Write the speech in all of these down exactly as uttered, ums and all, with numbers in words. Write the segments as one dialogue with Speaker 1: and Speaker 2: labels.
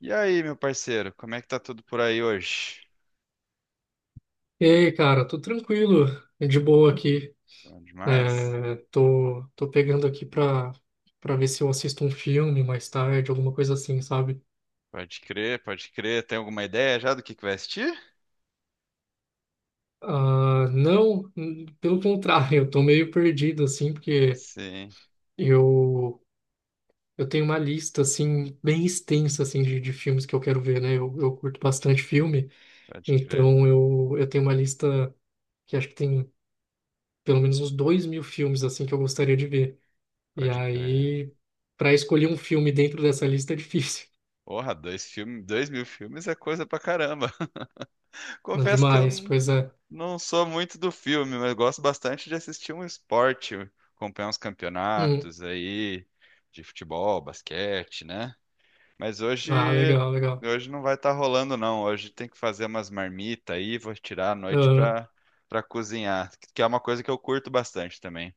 Speaker 1: E aí, meu parceiro, como é que tá tudo por aí hoje?
Speaker 2: E aí, cara, tô tranquilo, é de boa aqui.
Speaker 1: Bom demais?
Speaker 2: É, tô, tô pegando aqui pra, pra ver se eu assisto um filme mais tarde, alguma coisa assim, sabe?
Speaker 1: Pode crer, pode crer. Tem alguma ideia já do que que vai assistir?
Speaker 2: Ah, não, n- pelo contrário, eu tô meio perdido, assim, porque
Speaker 1: Sim,
Speaker 2: eu, eu tenho uma lista, assim, bem extensa, assim, de, de filmes que eu quero ver, né? Eu, eu curto bastante filme,
Speaker 1: pode crer,
Speaker 2: então eu, eu tenho uma lista que acho que tem pelo menos uns dois mil filmes, assim, que eu gostaria de ver. E
Speaker 1: pode crer.
Speaker 2: aí, para escolher um filme dentro dessa lista é difícil.
Speaker 1: Porra, dois filmes, dois mil filmes é coisa pra caramba.
Speaker 2: Não
Speaker 1: Confesso que eu
Speaker 2: demais,
Speaker 1: não,
Speaker 2: pois é.
Speaker 1: não sou muito do filme, mas gosto bastante de assistir um esporte, acompanhar uns
Speaker 2: Hum.
Speaker 1: campeonatos aí de futebol, basquete, né? Mas hoje,
Speaker 2: Ah, legal, legal.
Speaker 1: hoje não vai estar rolando, não. Hoje tem que fazer umas marmitas aí, vou tirar a noite
Speaker 2: Aham.
Speaker 1: pra, pra cozinhar, que é uma coisa que eu curto bastante também.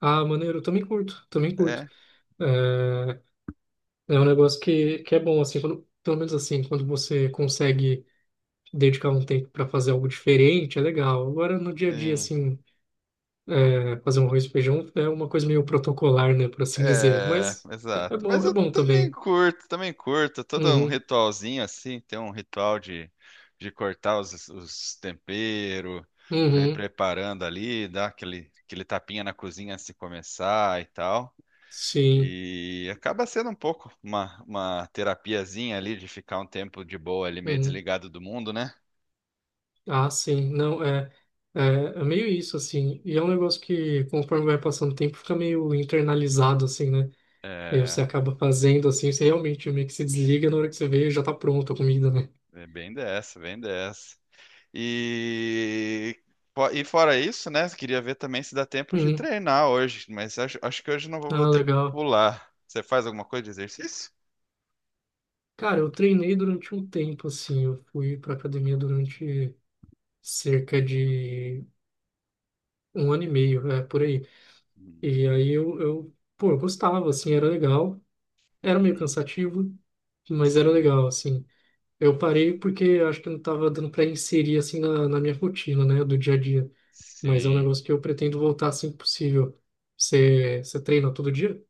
Speaker 2: Ah, maneiro, eu também curto, também curto.
Speaker 1: É,
Speaker 2: É, é um negócio que, que é bom, assim, quando, pelo menos assim, quando você consegue dedicar um tempo para fazer algo diferente, é legal. Agora, no dia a dia,
Speaker 1: sim.
Speaker 2: assim, é, fazer um arroz e feijão é uma coisa meio protocolar, né, por assim dizer.
Speaker 1: É,
Speaker 2: Mas é, é
Speaker 1: exato. Mas
Speaker 2: bom, é
Speaker 1: eu
Speaker 2: bom
Speaker 1: também
Speaker 2: também.
Speaker 1: curto, também curto. Todo um
Speaker 2: Uhum,
Speaker 1: ritualzinho assim, tem um ritual de, de cortar os, os temperos, já ir
Speaker 2: uhum,
Speaker 1: preparando ali, dar aquele, aquele tapinha na cozinha antes de começar e tal.
Speaker 2: sim,
Speaker 1: E acaba sendo um pouco uma, uma terapiazinha ali de ficar um tempo de boa ali, meio
Speaker 2: uhum.
Speaker 1: desligado do mundo, né?
Speaker 2: Ah, sim, não, é, é, é meio isso, assim, e é um negócio que, conforme vai passando o tempo, fica meio internalizado, assim, né? E você
Speaker 1: É,
Speaker 2: acaba fazendo, assim, você realmente meio que se desliga na hora que você vê, já tá pronta a comida, né?
Speaker 1: é bem dessa, bem dessa. E, fo- e fora isso, né? Queria ver também se dá tempo de
Speaker 2: Uhum.
Speaker 1: treinar hoje, mas acho, acho que hoje não vou, vou
Speaker 2: Ah,
Speaker 1: ter que
Speaker 2: legal.
Speaker 1: pular. Você faz alguma coisa de exercício?
Speaker 2: Cara, eu treinei durante um tempo, assim, eu fui pra academia durante cerca de um ano e meio, é, por aí.
Speaker 1: Uhum.
Speaker 2: E aí eu, eu, pô, eu gostava, assim, era legal, era meio
Speaker 1: Uhum.
Speaker 2: cansativo, mas era
Speaker 1: Sim,
Speaker 2: legal, assim. Eu parei porque acho que não estava dando para inserir assim na, na minha rotina, né, do dia a dia. Mas é um
Speaker 1: sim.
Speaker 2: negócio que eu pretendo voltar assim que possível. Você, você treina todo dia?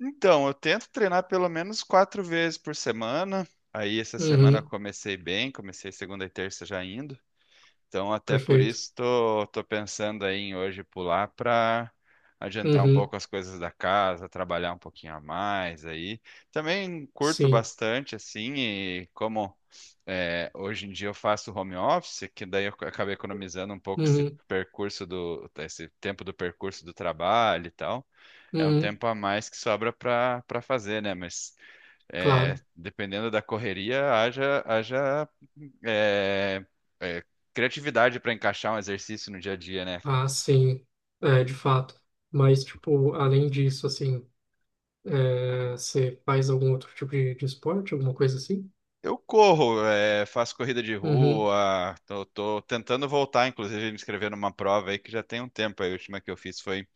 Speaker 1: Então, eu tento treinar pelo menos quatro vezes por semana. Aí essa semana eu
Speaker 2: Uhum,
Speaker 1: comecei bem, comecei segunda e terça já indo. Então, até por
Speaker 2: perfeito.
Speaker 1: isso, tô, tô pensando aí em hoje pular para adiantar um
Speaker 2: Uhum,
Speaker 1: pouco as coisas da casa, trabalhar um pouquinho a mais aí. Também curto
Speaker 2: sim.
Speaker 1: bastante, assim, e como é, hoje em dia eu faço home office, que daí eu acabei economizando um pouco esse
Speaker 2: Uhum,
Speaker 1: percurso do, esse tempo do percurso do trabalho e tal. É um
Speaker 2: uhum,
Speaker 1: tempo a mais que sobra para para fazer, né? Mas é,
Speaker 2: claro.
Speaker 1: dependendo da correria, haja, haja é, é, criatividade para encaixar um exercício no dia a dia, né, cara?
Speaker 2: Ah, sim. É, de fato. Mas, tipo, além disso, assim, é, você faz algum outro tipo de, de esporte, alguma coisa assim?
Speaker 1: Eu corro, é, faço corrida de
Speaker 2: Uhum,
Speaker 1: rua, tô, tô tentando voltar, inclusive, me inscrever numa prova aí que já tem um tempo. Aí, a última que eu fiz foi,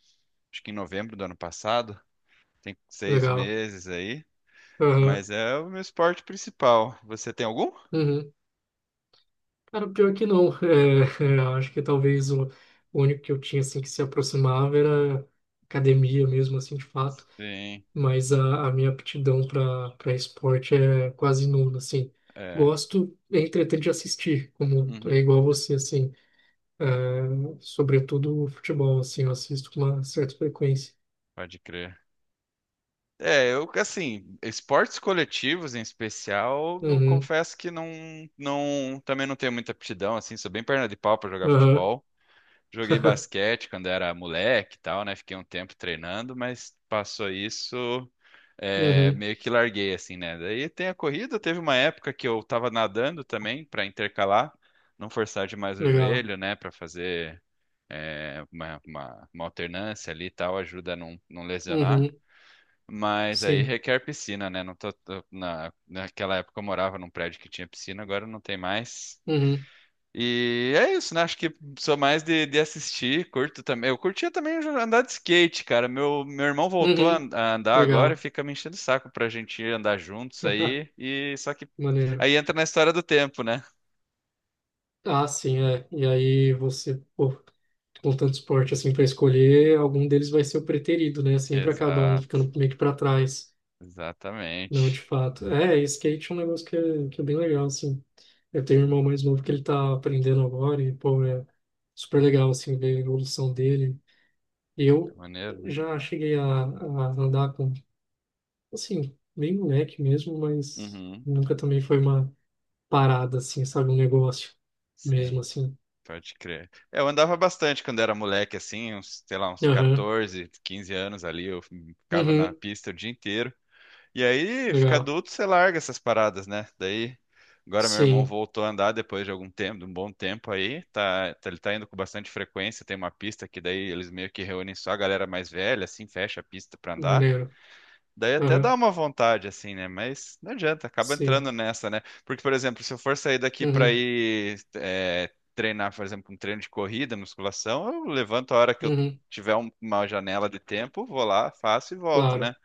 Speaker 1: acho que em novembro do ano passado, tem seis
Speaker 2: legal.
Speaker 1: meses aí,
Speaker 2: Aham,
Speaker 1: mas é o meu esporte principal. Você tem algum?
Speaker 2: uhum. Cara, pior é que não. É, é, eu acho que talvez o, o único que eu tinha assim que se aproximava era academia mesmo, assim, de fato.
Speaker 1: Sim,
Speaker 2: Mas a, a minha aptidão para para esporte é quase nula, assim.
Speaker 1: é.
Speaker 2: Gosto, entretanto, de assistir, como é
Speaker 1: Uhum,
Speaker 2: igual você, assim. É, sobretudo o futebol, assim, eu assisto com uma certa frequência.
Speaker 1: pode crer. É, eu, assim, esportes coletivos em especial, não
Speaker 2: Uhum,
Speaker 1: confesso que não, não, também não tenho muita aptidão, assim, sou bem perna de pau para jogar
Speaker 2: aham,
Speaker 1: futebol. Joguei basquete quando era moleque e tal, né? Fiquei um tempo treinando, mas passou isso, é,
Speaker 2: uhum,
Speaker 1: meio que larguei, assim, né? Daí tem a corrida, teve uma época que eu tava nadando também para intercalar, não forçar demais o
Speaker 2: legal.
Speaker 1: joelho, né? Para fazer é, uma, uma, uma alternância ali e tal, ajuda a não, não lesionar.
Speaker 2: Uhum,
Speaker 1: Mas aí
Speaker 2: sim.
Speaker 1: requer piscina, né? Não tô, tô- na, naquela época eu morava num prédio que tinha piscina, agora não tem mais.
Speaker 2: Uhum,
Speaker 1: E é isso, né? Acho que sou mais de, de assistir, curto também. Eu curtia também andar de skate, cara. Meu, meu irmão voltou a,
Speaker 2: uhum,
Speaker 1: an- a andar agora e
Speaker 2: legal.
Speaker 1: fica me enchendo o saco pra gente ir andar juntos aí. E só que
Speaker 2: Maneiro.
Speaker 1: aí entra na história do tempo, né?
Speaker 2: Ah, sim, é. E aí você, pô, com tanto esporte assim para escolher, algum deles vai ser o preterido, né? Sempre acaba um
Speaker 1: Exato,
Speaker 2: ficando meio que para trás. Não, de
Speaker 1: exatamente.
Speaker 2: fato. É, skate é um negócio que é, que é bem legal, assim. Eu tenho um
Speaker 1: Sim,
Speaker 2: irmão mais novo que ele tá aprendendo agora e, pô, é super legal, assim, ver a evolução dele.
Speaker 1: é
Speaker 2: Eu
Speaker 1: maneiro, né?
Speaker 2: já cheguei a, a andar com, assim, bem moleque mesmo, mas
Speaker 1: Uhum,
Speaker 2: nunca também foi uma parada, assim, sabe? Um negócio mesmo,
Speaker 1: sim.
Speaker 2: assim.
Speaker 1: Pode crer. É, eu andava bastante quando era moleque, assim, uns, sei lá, uns
Speaker 2: Aham.
Speaker 1: catorze, quinze anos ali, eu ficava na
Speaker 2: Uhum.
Speaker 1: pista o dia inteiro. E aí, fica
Speaker 2: Legal.
Speaker 1: adulto, você larga essas paradas, né? Daí, agora meu irmão
Speaker 2: Sim,
Speaker 1: voltou a andar depois de algum tempo, de um bom tempo aí, tá, tá- ele tá indo com bastante frequência, tem uma pista que daí eles meio que reúnem só a galera mais velha, assim, fecha a pista pra andar.
Speaker 2: maneiro.
Speaker 1: Daí até dá
Speaker 2: Aham,
Speaker 1: uma vontade, assim, né? Mas não adianta, acaba
Speaker 2: sim.
Speaker 1: entrando nessa, né? Porque, por exemplo, se eu for sair daqui para
Speaker 2: Uhum.
Speaker 1: ir é, treinar, por exemplo, um treino de corrida, musculação, eu levanto a hora que eu
Speaker 2: Uhum.
Speaker 1: tiver um- uma janela de tempo, vou lá, faço e volto, né?
Speaker 2: Claro.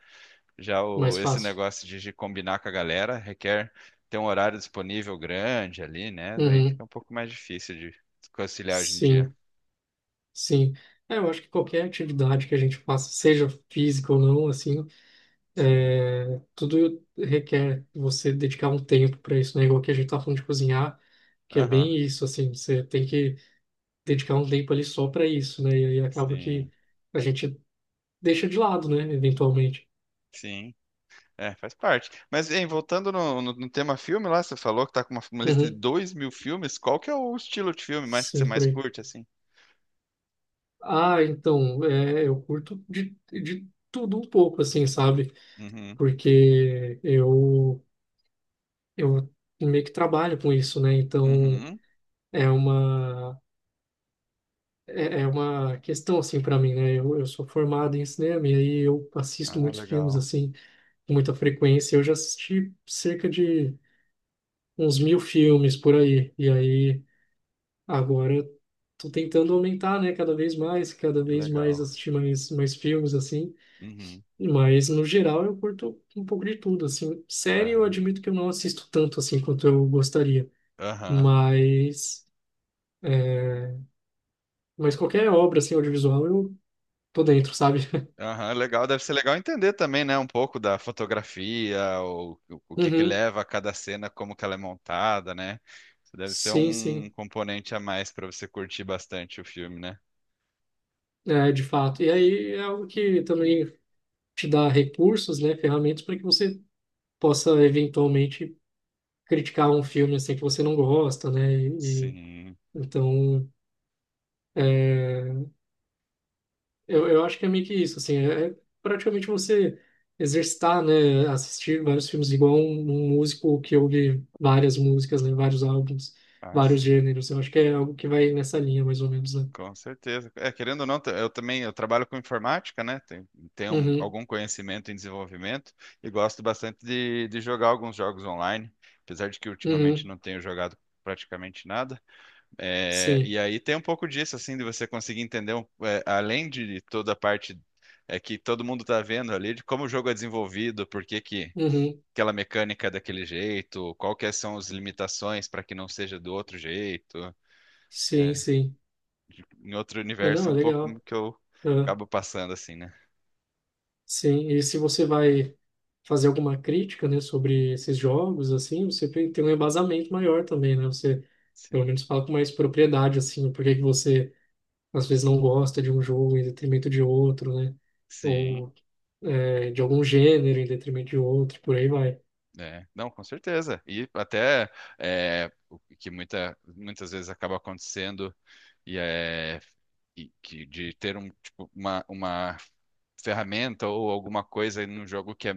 Speaker 1: Já o,
Speaker 2: Mais
Speaker 1: esse
Speaker 2: fácil.
Speaker 1: negócio de, de combinar com a galera requer ter um horário disponível grande ali, né? Daí
Speaker 2: Uhum.
Speaker 1: fica um pouco mais difícil de conciliar hoje em dia.
Speaker 2: Sim, sim. É, eu acho que qualquer atividade que a gente faça, seja física ou não, assim,
Speaker 1: Sim.
Speaker 2: é, tudo requer você dedicar um tempo para isso, né? Igual que a gente tá falando de cozinhar, que é
Speaker 1: Aham.
Speaker 2: bem isso, assim, você tem que dedicar um tempo ali só para isso, né? E aí acaba
Speaker 1: Sim.
Speaker 2: que a gente deixa de lado, né? Eventualmente.
Speaker 1: Sim. É, faz parte. Mas, hein, voltando no, no- no tema filme lá, você falou que tá com uma, uma lista de
Speaker 2: Uhum.
Speaker 1: dois mil filmes. Qual que é o estilo de filme mais que você
Speaker 2: Sim, por
Speaker 1: mais
Speaker 2: aí.
Speaker 1: curte, assim?
Speaker 2: Ah, então, é, eu curto de, de tudo um pouco, assim, sabe?
Speaker 1: Uhum.
Speaker 2: Porque eu, eu meio que trabalho com isso, né? Então,
Speaker 1: Uhum.
Speaker 2: é uma, é, é uma questão, assim, para mim, né? Eu, eu sou formado em cinema e aí eu assisto
Speaker 1: Ah,
Speaker 2: muitos filmes,
Speaker 1: legal.
Speaker 2: assim, com muita frequência. Eu já assisti cerca de uns mil filmes por aí. E aí, agora, eu tô tentando aumentar, né? Cada vez mais, cada
Speaker 1: Que
Speaker 2: vez mais
Speaker 1: legal.
Speaker 2: assistir mais, mais filmes, assim.
Speaker 1: Uhum.
Speaker 2: Mas, no geral, eu curto um pouco de tudo, assim. Série eu
Speaker 1: Aham.
Speaker 2: admito que eu não assisto tanto, assim, quanto eu gostaria.
Speaker 1: Aham.
Speaker 2: Mas, mas qualquer obra, assim, audiovisual, eu tô dentro, sabe?
Speaker 1: Aham. Legal. Deve ser legal entender também, né? Um pouco da fotografia, o, o, o que que
Speaker 2: Uhum.
Speaker 1: leva a cada cena, como que ela é montada, né? Isso deve ser
Speaker 2: Sim,
Speaker 1: um
Speaker 2: sim.
Speaker 1: componente a mais para você curtir bastante o filme, né?
Speaker 2: É, de fato. E aí é algo que também te dá recursos, né? Ferramentas para que você possa, eventualmente, criticar um filme, assim, que você não gosta, né? E, e-
Speaker 1: Sim.
Speaker 2: então é, Eu, eu acho que é meio que isso, assim, é é praticamente você exercitar, né, assistir vários filmes, igual um, um músico que ouve várias músicas, né, vários álbuns,
Speaker 1: Ah,
Speaker 2: vários
Speaker 1: sim.
Speaker 2: gêneros. Eu acho que é algo que vai nessa linha, mais ou menos, né?
Speaker 1: Com certeza. É, querendo ou não, t- eu também eu trabalho com informática, né? Tenho, tenho um-
Speaker 2: Uhum,
Speaker 1: algum conhecimento em desenvolvimento e gosto bastante de, de jogar alguns jogos online, apesar de que ultimamente
Speaker 2: uhum,
Speaker 1: não tenho jogado praticamente nada. É,
Speaker 2: sim,
Speaker 1: e aí tem um pouco disso, assim, de você conseguir entender, um- é, além de toda a parte é, que todo mundo está vendo ali, de como o jogo é desenvolvido, por que que
Speaker 2: uhum,
Speaker 1: aquela mecânica é daquele jeito, quais são as limitações para que não seja do outro jeito
Speaker 2: sim, sim.
Speaker 1: de- em outro
Speaker 2: É,
Speaker 1: universo
Speaker 2: não,
Speaker 1: é
Speaker 2: é
Speaker 1: um pouco como
Speaker 2: legal.
Speaker 1: que eu
Speaker 2: É,
Speaker 1: acabo passando assim, né?
Speaker 2: sim, e se você vai fazer alguma crítica, né, sobre esses jogos, assim, você tem tem um embasamento maior também, né? Você, pelo
Speaker 1: Sim.
Speaker 2: menos, fala com mais propriedade, assim, por que que você às vezes não gosta de um jogo em detrimento de outro, né?
Speaker 1: Sim,
Speaker 2: Ou é, de algum gênero em detrimento de outro, por aí vai.
Speaker 1: é. Não, com certeza. E até é, o que muita, muitas vezes acaba acontecendo e é e que de ter um, tipo, uma, uma ferramenta ou alguma coisa num jogo que é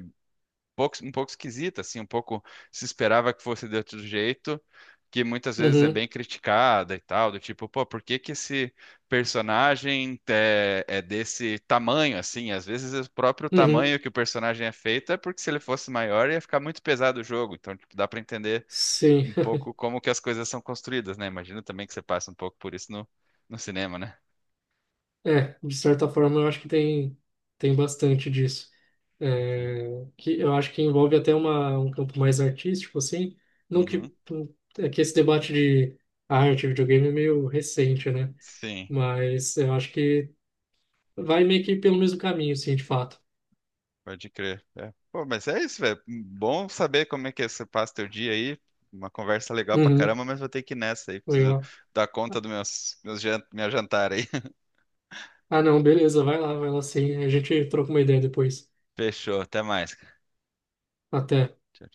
Speaker 1: pouco, um pouco esquisita, assim, um pouco se esperava que fosse de outro jeito, que muitas vezes é
Speaker 2: Uhum,
Speaker 1: bem criticada e tal, do tipo, pô, por que que esse personagem é, é desse tamanho, assim? Às vezes é o próprio
Speaker 2: uhum,
Speaker 1: tamanho que o personagem é feito é porque se ele fosse maior ia ficar muito pesado o jogo, então tipo, dá pra entender
Speaker 2: sim.
Speaker 1: um pouco como que as coisas são construídas, né? Imagino também que você passa um pouco por isso no, no cinema, né?
Speaker 2: É, de certa forma eu acho que tem, tem bastante disso. É, que eu acho que envolve até uma, um campo mais artístico, assim. Não que,
Speaker 1: Uhum.
Speaker 2: é que esse debate de arte e videogame é meio recente, né?
Speaker 1: Sim.
Speaker 2: Mas eu acho que vai meio que pelo mesmo caminho, sim, de fato.
Speaker 1: Pode crer. É. Pô, mas é isso, velho. Bom saber como é que você passa teu dia aí. Uma conversa legal pra
Speaker 2: Uhum,
Speaker 1: caramba, mas vou ter que ir nessa aí. Preciso
Speaker 2: legal.
Speaker 1: dar conta do meus, meus jan- minha jantar aí.
Speaker 2: Ah, não, beleza, vai lá, vai lá sim. A gente troca uma ideia depois.
Speaker 1: Fechou. Até mais, cara.
Speaker 2: Até.
Speaker 1: Tchau.